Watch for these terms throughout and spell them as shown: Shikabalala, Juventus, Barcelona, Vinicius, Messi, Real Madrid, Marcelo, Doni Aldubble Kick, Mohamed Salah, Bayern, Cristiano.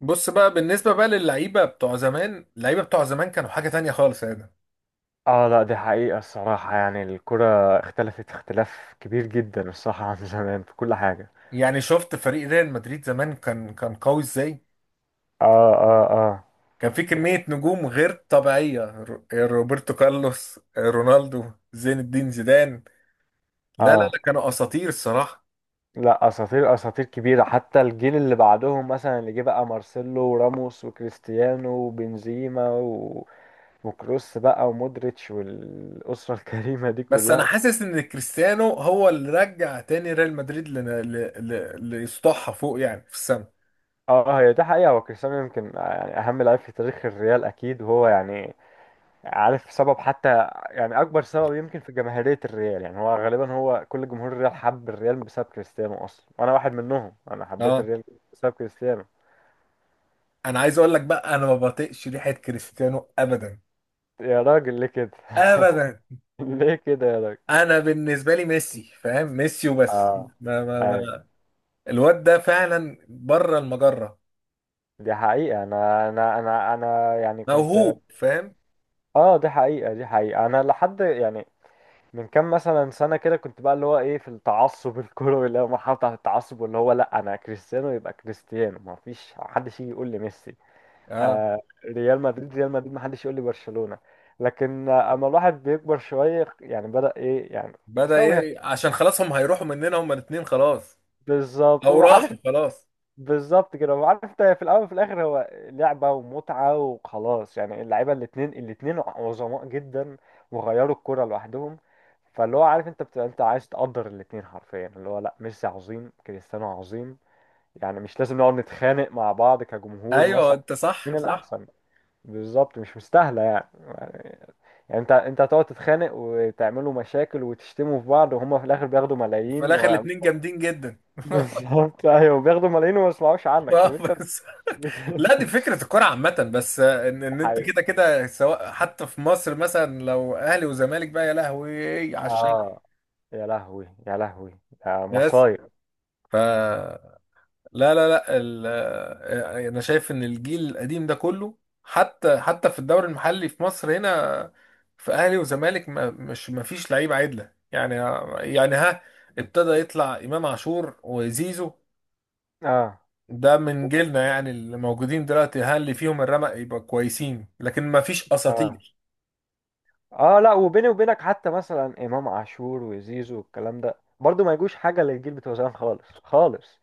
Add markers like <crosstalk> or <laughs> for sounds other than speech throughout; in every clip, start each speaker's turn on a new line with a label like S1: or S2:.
S1: بص بقى بالنسبة بقى للعيبة بتوع زمان. اللعيبة بتوع زمان كانوا حاجة تانية خالص يا ده.
S2: اه لا دي حقيقة الصراحة الكرة اختلفت اختلاف كبير جدا الصراحة <laughs> عن زمان في كل حاجة.
S1: يعني شفت فريق ريال مدريد زمان كان قوي ازاي.
S2: اه اه اه
S1: كان في كمية نجوم غير طبيعية. روبرتو كارلوس، رونالدو، زين الدين زيدان. لا لا
S2: اه
S1: لا كانوا أساطير الصراحة.
S2: لا، اساطير، اساطير كبيرة، حتى الجيل اللي بعدهم مثلا، اللي جه بقى مارسيلو وراموس وكريستيانو وبنزيما وكروس بقى ومودريتش والأسرة <laughs> الكريمة دي
S1: بس أنا
S2: كلها.
S1: حاسس إن كريستيانو هو اللي رجع تاني ريال مدريد ليسطحها فوق، يعني في السما.
S2: اه، هي دي حقيقة، هو كريستيانو يمكن يعني أهم لاعب في تاريخ الريال أكيد، وهو يعني عارف سبب، حتى يعني اكبر سبب يمكن في جماهيرية الريال، يعني هو غالبا هو كل جمهور الريال حب الريال بسبب كريستيانو اصلا، واحد منهم، انا حبيت
S1: اه،
S2: الريال بسبب كريستيانو.
S1: أنا عايز أقول لك بقى، أنا ما بطيقش ريحة كريستيانو أبدا،
S2: يا راجل ليه كده؟
S1: أبدا.
S2: <laughs> ليه كده يا راجل؟
S1: انا بالنسبه لي ميسي، فاهم؟ ميسي وبس.
S2: اه
S1: ما ما
S2: ايوه
S1: ما الواد ده فعلا بره المجره.
S2: دي حقيقة، انا يعني كنت،
S1: موهوب، فاهم؟
S2: اه دي حقيقة، دي حقيقة، انا لحد يعني من كام مثلا سنة كده كنت بقى اللي هو ايه، في التعصب <laughs> الكروي، اللي هو مرحلة بتاعة التعصب، واللي هو لا انا كريستيانو يبقى كريستيانو، ما فيش حد يجي يقول لي ميسي،
S1: اه.
S2: آه، ريال مدريد ريال مدريد، ما حدش يقول لي برشلونة. لكن آه، اما الواحد بيكبر شوية يعني بدأ ايه يعني
S1: بدأ
S2: يستوعب.
S1: ايه؟ عشان خلاص هم هيروحوا مننا هم الاثنين خلاص،
S2: بالظبط
S1: او
S2: وعارف،
S1: راحوا خلاص.
S2: بالظبط كده، وعارف انت في الاول وفي الاخر هو لعبة ومتعة وخلاص، يعني اللعيبة الاتنين، الاتنين عظماء جدا وغيروا الكرة لوحدهم. فاللي هو عارف انت بتبقى انت عايز تقدر الاتنين حرفيا، اللي هو لا ميسي عظيم كريستيانو عظيم، يعني مش لازم نقعد نتخانق مع بعض كجمهور
S1: ايوه،
S2: مثلا
S1: انت
S2: مين
S1: صح صح.
S2: الأحسن. بالظبط، مش مستاهلة يعني، يعني يعني انت هتقعد تتخانق وتعملوا مشاكل وتشتموا في بعض، وهما في الاخر بياخدوا
S1: في
S2: ملايين
S1: الاخر الاثنين جامدين جدا.
S2: <laughs>
S1: <laughs>
S2: بالظبط ايوه بياخدوا ملايين وما يسمعوش عنك، طب
S1: آه،
S2: انت
S1: بس
S2: بت...
S1: لا، دي
S2: <laughs>
S1: فكره الكوره عامه، بس ان ان انت
S2: حقيقي.
S1: كده كده سواء حتى في مصر مثلا لو اهلي وزمالك بقى، يا لهوي على الشلل.
S2: اه، يا لهوي يا لهوي، ده
S1: بس،
S2: مصايب.
S1: ف لا انا شايف ان الجيل القديم ده كله، حتى في الدوري المحلي في مصر هنا، في اهلي وزمالك، ما مش ما فيش لعيبه عدله يعني. يعني ها، ابتدى يطلع امام عاشور وزيزو.
S2: اه
S1: ده من جيلنا يعني، اللي موجودين دلوقتي ها، اللي فيهم الرمق يبقى كويسين، لكن ما فيش
S2: اه
S1: اساطير.
S2: اه لا وبيني وبينك، حتى مثلا امام عاشور وزيزو والكلام ده برضو ما يجوش حاجه للجيل بتوع زمان، خالص خالص.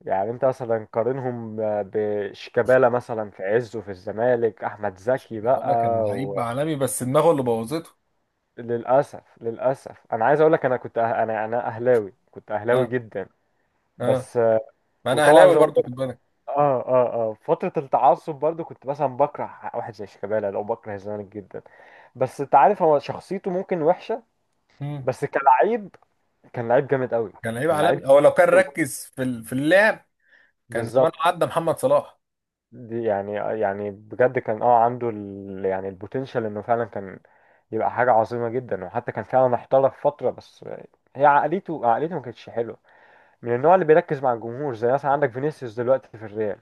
S2: يعني انت مثلا قارنهم بشيكابالا مثلا في عزه، في الزمالك احمد زكي بقى.
S1: ده كان لعيب عالمي، بس دماغه اللي بوظته.
S2: للأسف للأسف، أنا عايز أقول لك، أنا كنت أنا أهلاوي، كنت أهلاوي
S1: اه
S2: جدا،
S1: اه،
S2: بس آه،
S1: ما انا
S2: وطبعا
S1: اهلاوي
S2: زي ما
S1: برضو،
S2: قلت،
S1: خد بالك.
S2: اه فترة التعصب برضو، كنت مثلا بكره واحد زي شيكابالا أو بكره الزمالك جدا. بس أنت عارف هو شخصيته ممكن وحشة،
S1: مم.
S2: بس كلاعب كان لعيب جامد قوي،
S1: كان لعيب
S2: كان لعيب
S1: عالمي، هو لو كان
S2: قوي.
S1: ركز في اللعب كان زمان
S2: بالظبط،
S1: عدى محمد صلاح.
S2: دي يعني، يعني بجد كان اه عنده يعني البوتنشال إنه فعلا كان يبقى حاجة عظيمة جدا، وحتى كان فعلا احترف فترة. بس هي عقليته، عقليته ما كانتش حلوة، من النوع اللي بيركز مع الجمهور، زي مثلا عندك فينيسيوس دلوقتي في الريال،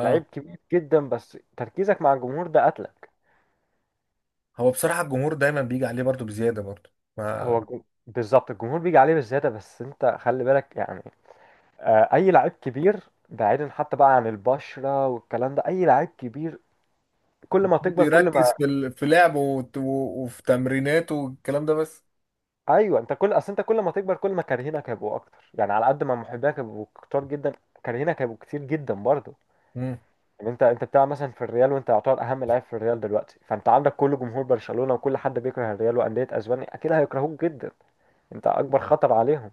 S2: لعيب كبير جدا بس تركيزك مع الجمهور ده قتلك.
S1: هو بصراحة الجمهور دايما بيجي عليه برضو بزيادة برضو. ما
S2: بالظبط الجمهور بيجي عليه بالزيادة، بس انت خلي بالك يعني آه، اي لعيب كبير، بعيدا حتى بقى عن البشرة والكلام ده، اي لعيب كبير كل ما
S1: المفروض
S2: تكبر كل ما،
S1: يركز في لعبه وفي تمريناته والكلام ده بس.
S2: ايوه انت كل اصل انت كل ما تكبر كل ما كارهينك هيبقوا اكتر، يعني على قد ما محبينك هيبقوا كتار جدا، كارهينك هيبقوا كتير جدا برضه.
S1: مم.
S2: ان انت بتلعب مثلا في الريال، وانت يعتبر اهم لاعب في الريال دلوقتي، فانت عندك كل جمهور برشلونة وكل حد بيكره الريال واندية اسبانيا اكيد هيكرهوك جدا، انت اكبر خطر عليهم.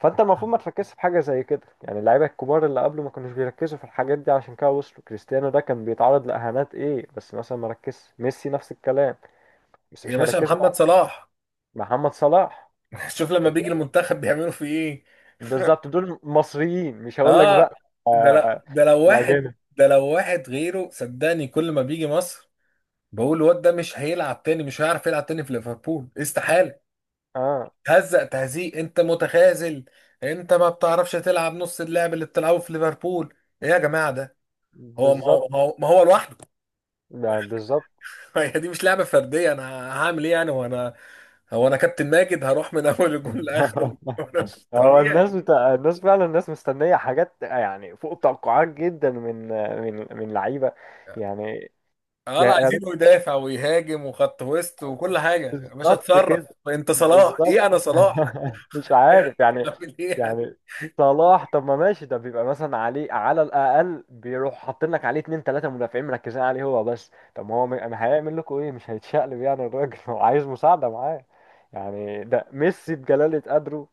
S2: فانت المفروض ما تركزش في حاجه زي كده، يعني اللعيبه الكبار اللي قبله ما كانوش بيركزوا في الحاجات دي عشان كده وصلوا. كريستيانو ده كان بيتعرض لاهانات ايه بس مثلا ما ركزش، ميسي نفس الكلام، بس
S1: يا
S2: مش
S1: باشا،
S2: هيركزوا مع
S1: محمد صلاح.
S2: محمد صلاح.
S1: <laughs> شوف لما بيجي
S2: بالظبط،
S1: المنتخب بيعملوا فيه ايه.
S2: بالظبط، دول مصريين مش هقول لك
S1: اه،
S2: بقى آه، الاجانب.
S1: ده لو واحد غيره، صدقني، كل ما بيجي مصر بقول الواد ده مش هيلعب تاني، مش هيعرف يلعب تاني في ليفربول، استحالة.
S2: اه
S1: هزق تهزيق، انت متخاذل، انت ما بتعرفش تلعب نص اللعب اللي بتلعبه في ليفربول. ايه يا جماعه ده؟ هو ما هو
S2: بالظبط،
S1: ما هو ما هو لوحده.
S2: ده بالظبط.
S1: <laughs> هي دي مش لعبه فرديه، انا هعمل ايه يعني؟ هو انا كابتن ماجد هروح من <laughs> اول الجول
S2: <laughs>
S1: لاخره، <laughs> وانا مش
S2: هو
S1: طبيعي.
S2: الناس بتاع الناس فعلا، الناس مستنية حاجات يعني فوق التوقعات جدا من من لعيبة يعني.
S1: اه،
S2: يا
S1: لا،
S2: يا ريت،
S1: عايزينه يدافع ويهاجم وخط وسط وكل حاجه، يا باشا
S2: بالظبط
S1: اتصرف.
S2: كده،
S1: انت صلاح،
S2: بالظبط
S1: ايه انا صلاح؟
S2: <laughs> مش
S1: <laughs> إيه؟
S2: عارف يعني،
S1: اعمل ايه يعني؟
S2: يعني صلاح، طب ما ماشي، ده بيبقى مثلا عليه على الأقل بيروح حاطين لك عليه اتنين تلاتة مدافعين مركزين عليه هو بس، طب ما هو هيعمل لكم ايه، مش هيتشقلب يعني الراجل، <laughs> هو عايز مساعدة معاه يعني. ده ميسي بجلالة قدره،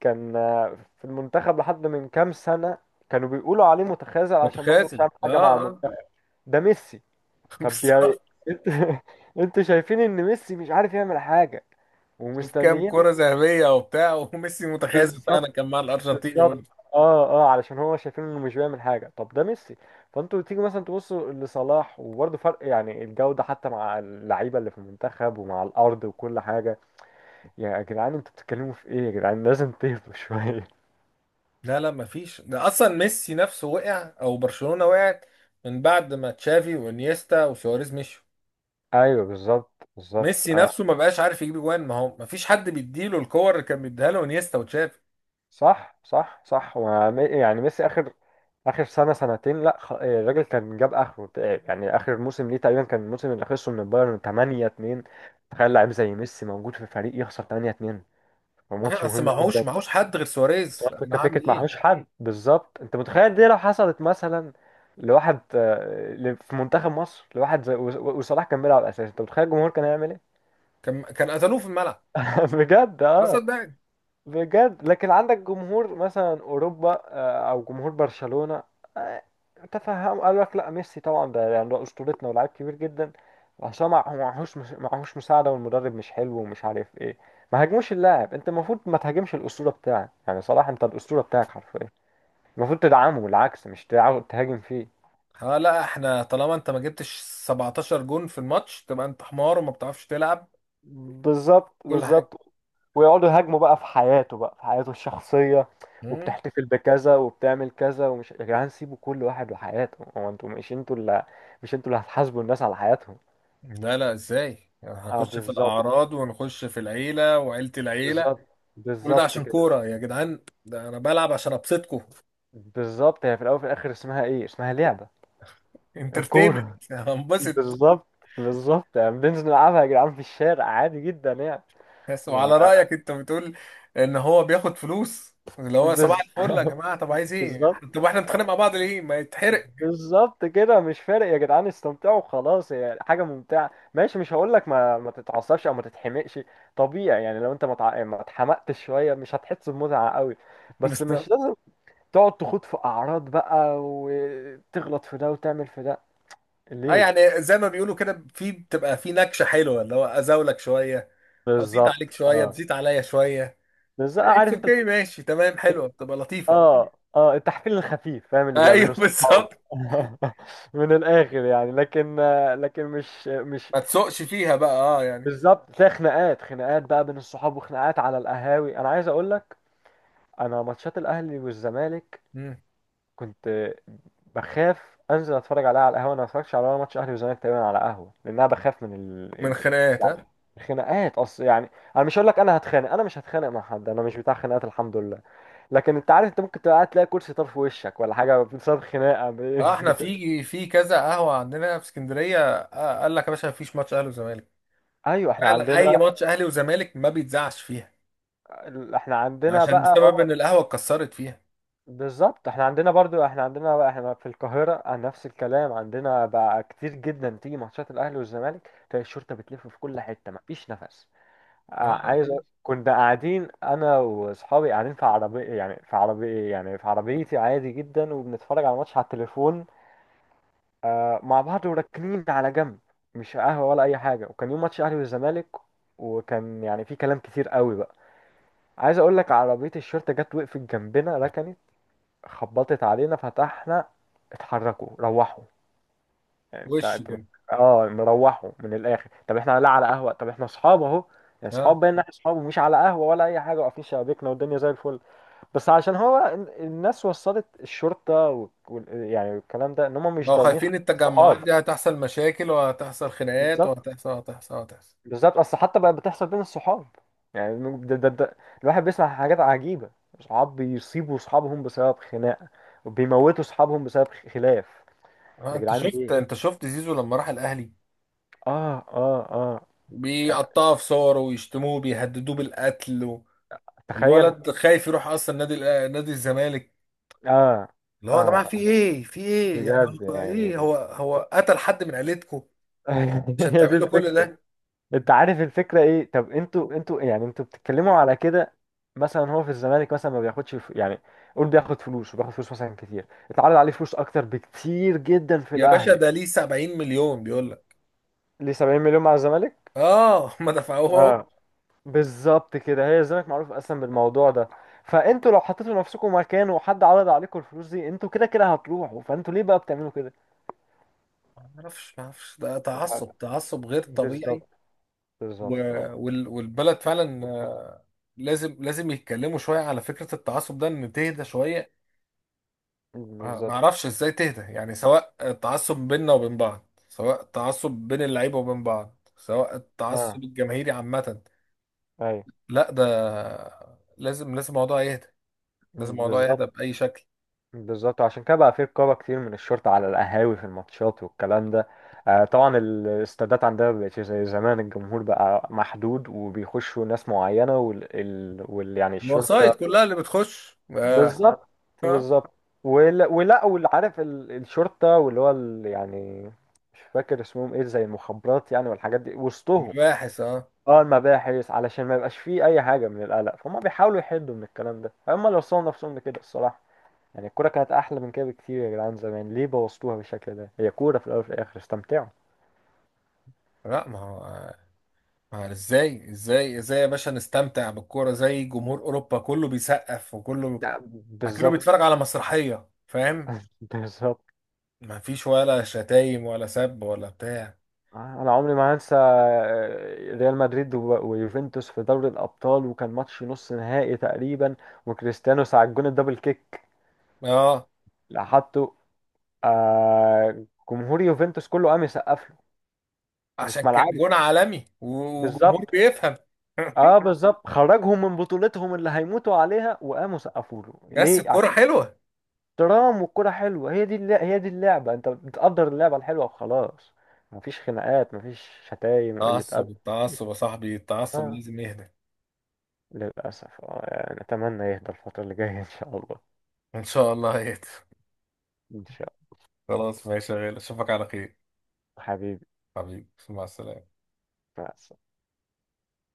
S2: كان آه، في المنتخب لحد من كام سنة، كانوا بيقولوا عليه متخاذل عشان برضه مش
S1: متخاذل،
S2: عامل
S1: اه
S2: حاجة مع
S1: اه.
S2: المنتخب. ده ميسي!
S1: <laughs>
S2: طب يا
S1: بالظبط.
S2: انت، <laughs> انتوا شايفين ان ميسي مش عارف يعمل حاجة
S1: شوف كام
S2: ومستنيين.
S1: كرة ذهبية وبتاع، وميسي متخاذل
S2: بالظبط،
S1: فعلا كان مع الأرجنتين يقول.
S2: بالظبط، اه اه علشان هو شايفين انه مش بيعمل حاجة، طب ده ميسي. فانتوا تيجي مثلا تبصوا لصلاح، وبرضه فرق يعني الجودة، حتى مع اللعيبة اللي في المنتخب ومع الأرض وكل حاجة. يا جدعان انتوا بتتكلموا في ايه؟ يا جدعان لازم تهدوا شوية.
S1: لا، مفيش، ده اصلا ميسي نفسه وقع، او برشلونة وقعت من بعد ما تشافي وانيستا وسواريز مشوا.
S2: <laughs> ايوه بالظبط، بالظبط.
S1: ميسي نفسه ما بقاش عارف يجيب جوان، ما هو مفيش حد بيديله الكور اللي كان بيديها له انيستا وتشافي.
S2: صح صح صح، يعني ميسي اخر اخر سنه سنتين لا إيه، الراجل كان جاب اخره تعب. يعني اخر موسم ليه تقريبا كان الموسم اللي خسره من البايرن 8-2. تخيل لعيب زي ميسي موجود في فريق يخسر 8-2،
S1: ما هي
S2: وماتش
S1: اصل
S2: مهم جدا.
S1: معهوش حد غير
S2: بس
S1: سواريز،
S2: هو
S1: انا
S2: الفكره،
S1: هعمل
S2: فكره
S1: ايه؟
S2: معهوش حد، بالظبط. انت متخيل دي لو حصلت مثلا لواحد آه، في منتخب مصر، لواحد زي وصلاح، كان بيلعب اساسي، انت متخيل الجمهور كان هيعمل ايه؟
S1: كان قتلوه في الملعب،
S2: <laughs> بجد
S1: خلاص
S2: اه،
S1: صدقني.
S2: بجد. لكن عندك جمهور مثلا اوروبا آه، او جمهور برشلونة آه، تفهم، قال لك لا ميسي طبعا ده يعني ده اسطورتنا ولاعيب كبير جدا، عشان ما هو معهوش معهوش مساعدة، والمدرب مش حلو، ومش عارف ايه. ما هاجموش اللاعب، انت المفروض ما تهاجمش الاسطورة بتاعك، يعني صلاح انت الاسطورة بتاعك حرفيا، المفروض تدعمه، العكس مش تهاجم فيه.
S1: ها، لا، احنا طالما انت ما جبتش 17 جون في الماتش تبقى انت حمار وما بتعرفش تلعب
S2: بالظبط،
S1: كل حاجة.
S2: بالظبط، ويقعدوا يهاجموا بقى في حياته، بقى في حياته الشخصية،
S1: مم.
S2: وبتحتفل بكذا وبتعمل كذا، ومش، يا جدعان سيبوا كل واحد وحياته هو، انتوا مش انتوا اللي، مش انتوا اللي هتحاسبوا الناس على حياتهم.
S1: لا لا، ازاي يعني؟
S2: اه
S1: هنخش في
S2: بالظبط،
S1: الاعراض، ونخش في العيلة وعيلة العيلة،
S2: بالظبط،
S1: كل ده
S2: بالظبط
S1: عشان
S2: كده.
S1: كورة يا جدعان؟ ده أنا بلعب عشان أبسطكم.
S2: بالظبط هي في الاول وفي الاخر اسمها ايه، اسمها لعبة،
S1: انترتينمنت،
S2: كورة.
S1: <laughs>
S2: <laughs>
S1: هنبسط.
S2: بالظبط، بالظبط، يعني بننزل نلعبها يا جدعان في الشارع عادي جدا يعني.
S1: بس،
S2: ما-
S1: وعلى رأيك أنت بتقول إن هو بياخد فلوس اللي هو صباح
S2: بز-
S1: الفل، يا
S2: <laughs>
S1: جماعة طب عايز إيه؟
S2: بالظبط،
S1: طب إحنا بنتخانق مع بعض ليه؟ ما يتحرق.
S2: بالظبط كده مش فارق، يا جدعان استمتعوا خلاص، هي حاجه ممتعه ماشي، مش هقول لك ما ما تتعصبش او ما تتحمقش، طبيعي يعني، لو انت ما اتحمقتش شويه مش هتحس بمتعه قوي،
S1: <laughs>
S2: بس
S1: بس ده-
S2: مش لازم تقعد تخوض في اعراض بقى وتغلط في ده وتعمل في ده
S1: أه،
S2: ليه.
S1: يعني زي ما بيقولوا كده، في بتبقى في نكشة حلوة اللي هو أزاولك شوية، أزيط عليك
S2: بالظبط
S1: شوية،
S2: اه،
S1: تزيط عليا شوية،
S2: بالظبط عارف
S1: اتس
S2: انت.
S1: اوكي، ماشي تمام، حلوة، بتبقى لطيفة.
S2: اه اه <laughs> التحفيل الخفيف، فاهم
S1: <laughs>
S2: اللي بيبقى
S1: أيوه
S2: بين الصحاب.
S1: بالظبط،
S2: <laughs> من الاخر يعني، لكن، لكن مش مش
S1: ما تسوقش فيها بقى، أه يعني.
S2: بالظبط. تلاقي خناقات، خناقات بقى بين الصحاب، وخناقات على القهاوي. انا عايز اقول لك، انا ماتشات الاهلي والزمالك
S1: مم.
S2: كنت بخاف انزل اتفرج عليها على القهوه، انا ما اتفرجش على ولا ماتش اهلي وزمالك تقريبا على قهوه، لان انا بخاف من
S1: من خناقات، ها.
S2: يعني الخناقات. اصل يعني انا مش هقول لك انا هتخانق، انا مش هتخانق مع حد، انا مش بتاع خناقات الحمد لله، لكن انت عارف انت ممكن تبقى قاعد تلاقي كرسي طرف وشك ولا حاجه بسبب خناقه
S1: اه،
S2: <laughs>
S1: احنا
S2: بت...
S1: في في كذا قهوه عندنا في اسكندريه، آه، قال لك يا باشا مفيش ماتش اهلي وزمالك.
S2: ايوه احنا
S1: فعلا، اي
S2: عندنا،
S1: ماتش اهلي وزمالك ما بيتذاعش فيها،
S2: احنا عندنا
S1: عشان
S2: بقى
S1: بسبب ان
S2: اه،
S1: القهوه اتكسرت فيها.
S2: بالظبط احنا عندنا برضو، احنا عندنا بقى، احنا في القاهرة عن نفس الكلام، عندنا بقى كتير جدا تيجي ماتشات الاهلي والزمالك تلاقي الشرطة بتلف في كل حتة، مفيش نفس. اه،
S1: اه،
S2: كنا قاعدين انا واصحابي، قاعدين في عربية يعني، في عربية يعني في عربيتي عادي جدا، وبنتفرج على ماتش على التليفون اه، مع بعض وراكنين على جنب، مش قهوة ولا اي حاجة، وكان يوم ماتش الاهلي والزمالك، وكان يعني في كلام كتير قوي بقى. عايز اقول لك عربية الشرطة جت وقفت جنبنا، ركنت، خبطت علينا، فتحنا، اتحركوا، روحوا. يعني انت
S1: وش
S2: انت
S1: كده.
S2: اه نروحوا من الاخر، طب احنا لا على قهوه، طب احنا اصحاب اهو، يعني
S1: اه،
S2: اصحاب بين، احنا اصحاب ومش على قهوه ولا اي حاجه، واقفين شبابيكنا والدنيا زي الفل، بس عشان هو الناس وصلت الشرطه يعني الكلام ده، ان هم مش
S1: بقوا
S2: ضامنين حق
S1: خايفين التجمعات
S2: الصحاب.
S1: دي هتحصل مشاكل، وهتحصل خناقات،
S2: بالظبط،
S1: وهتحصل وهتحصل وهتحصل.
S2: بالظبط، اصل حتى بقى بتحصل بين الصحاب، يعني ده ده ده الواحد بيسمع حاجات عجيبه، صحاب بيصيبوا صحابهم بسبب خناقه، وبيموتوا صحابهم بسبب خلاف.
S1: اه،
S2: يا
S1: انت
S2: جدعان
S1: شفت، انت
S2: ليه،
S1: شفت زيزو لما راح الاهلي،
S2: اه اه اه يعني
S1: بيقطعوا في صوره ويشتموه، بيهددوه بالقتل، و...
S2: تخيل،
S1: الولد خايف يروح اصلا نادي الزمالك،
S2: اه
S1: اللي هو يا
S2: اه،
S1: جماعه في ايه؟ في ايه يعني؟
S2: بجد
S1: هو
S2: يعني.
S1: ايه، هو قتل حد من عيلتكم
S2: <laughs>
S1: عشان
S2: هي دي
S1: تعملوا كل
S2: الفكرة.
S1: ده؟
S2: انت عارف الفكرة ايه؟ طب انتوا يعني انتوا بتتكلموا على كده، مثلا هو في الزمالك مثلا ما بياخدش يعني قول بياخد فلوس، وبياخد فلوس مثلا كتير، اتعرض عليه فلوس اكتر بكتير جدا في
S1: يا باشا
S2: الاهلي.
S1: ده ليه 70 مليون بيقول لك.
S2: ليه؟ 70 مليون مع الزمالك
S1: اه، <laughs> ما دفعوهم.
S2: اه، بالظبط كده، هي الزمالك معروف اصلا بالموضوع ده، فانتوا لو حطيتوا نفسكم مكانه وحد عرض عليكم الفلوس دي، انتوا كده كده هتروحوا، فانتوا ليه بقى بتعملوا كده؟
S1: ما اعرفش، ده تعصب، تعصب غير طبيعي.
S2: بالظبط،
S1: و...
S2: بالظبط،
S1: والبلد فعلا آه، لازم يتكلموا شويه على فكره التعصب ده، ان تهدى شويه. آه، ما
S2: بالظبط
S1: اعرفش ازاي تهدى يعني، سواء التعصب بيننا وبين بعض، سواء التعصب بين اللعيبه وبين بعض، سواء
S2: اه
S1: التعصب الجماهيري عامه.
S2: ايوه،
S1: لا ده، لازم الموضوع يهدى، لازم الموضوع يهدى
S2: بالظبط،
S1: بأي شكل.
S2: بالظبط. عشان كده بقى في رقابة كتير من الشرطة على القهاوي في الماتشات والكلام ده. آه طبعا الاستادات عندنا مبقتش زي زمان، الجمهور بقى محدود وبيخشوا ناس معينة يعني الشرطة.
S1: الوسايط كلها اللي بتخش، آه.
S2: بالظبط،
S1: آه.
S2: بالظبط. ولا ولا واللي عارف الشرطة، واللي هو يعني مش فاكر اسمهم ايه، زي المخابرات يعني والحاجات دي وسطهم.
S1: مباحث، اه.
S2: اه المباحث، علشان ما يبقاش فيه اي حاجه من القلق، فهم بيحاولوا يحدوا من الكلام ده، هم اللي وصلوا نفسهم لكده الصراحه. يعني الكوره كانت احلى من كده بكتير يا جدعان، زمان ليه بوظتوها بالشكل ده، هي كوره في الاول وفي الاخر، استمتعوا.
S1: لا، ما هو ازاي، ازاي يا باشا نستمتع بالكورة زي جمهور أوروبا؟ كله بيسقف، وكله
S2: لا،
S1: كله
S2: بالظبط.
S1: بيتفرج على مسرحية، فاهم؟
S2: <laughs> بالظبط.
S1: ما فيش ولا شتايم ولا سب ولا بتاع.
S2: انا عمري ما هنسى آه، ريال مدريد ويوفنتوس في دوري الابطال، وكان ماتش نص نهائي تقريبا، وكريستيانو ساعة جون الدبل كيك
S1: اه،
S2: اللي حطه آه، جمهور يوفنتوس كله قام يسقف له، كانوا
S1: عشان
S2: في
S1: كان
S2: ملعبه.
S1: جون عالمي وجمهور
S2: بالظبط،
S1: بيفهم.
S2: اه
S1: <laughs>
S2: بالظبط، خرجهم من بطولتهم اللي هيموتوا عليها وقاموا سقفوا له
S1: بس
S2: ليه؟
S1: الكورة
S2: عشان
S1: حلوة.
S2: احترام، والكرة حلوة، هي دي هي دي اللعبة، انت بتقدر اللعبة الحلوة وخلاص، مفيش خناقات، مفيش شتايم وقلة
S1: تعصب،
S2: أدب. مفيش-
S1: التعصب يا صاحبي، التعصب
S2: اه
S1: لازم يهدى.
S2: للأسف، اه يعني أتمنى يهدى الفترة اللي جاية إن شاء الله.
S1: ان شاء الله هيك.
S2: إن شاء
S1: خلاص ماشي يا غالي، اشوفك على خير.
S2: الله حبيبي
S1: حبيبي، مع السلامة.
S2: مع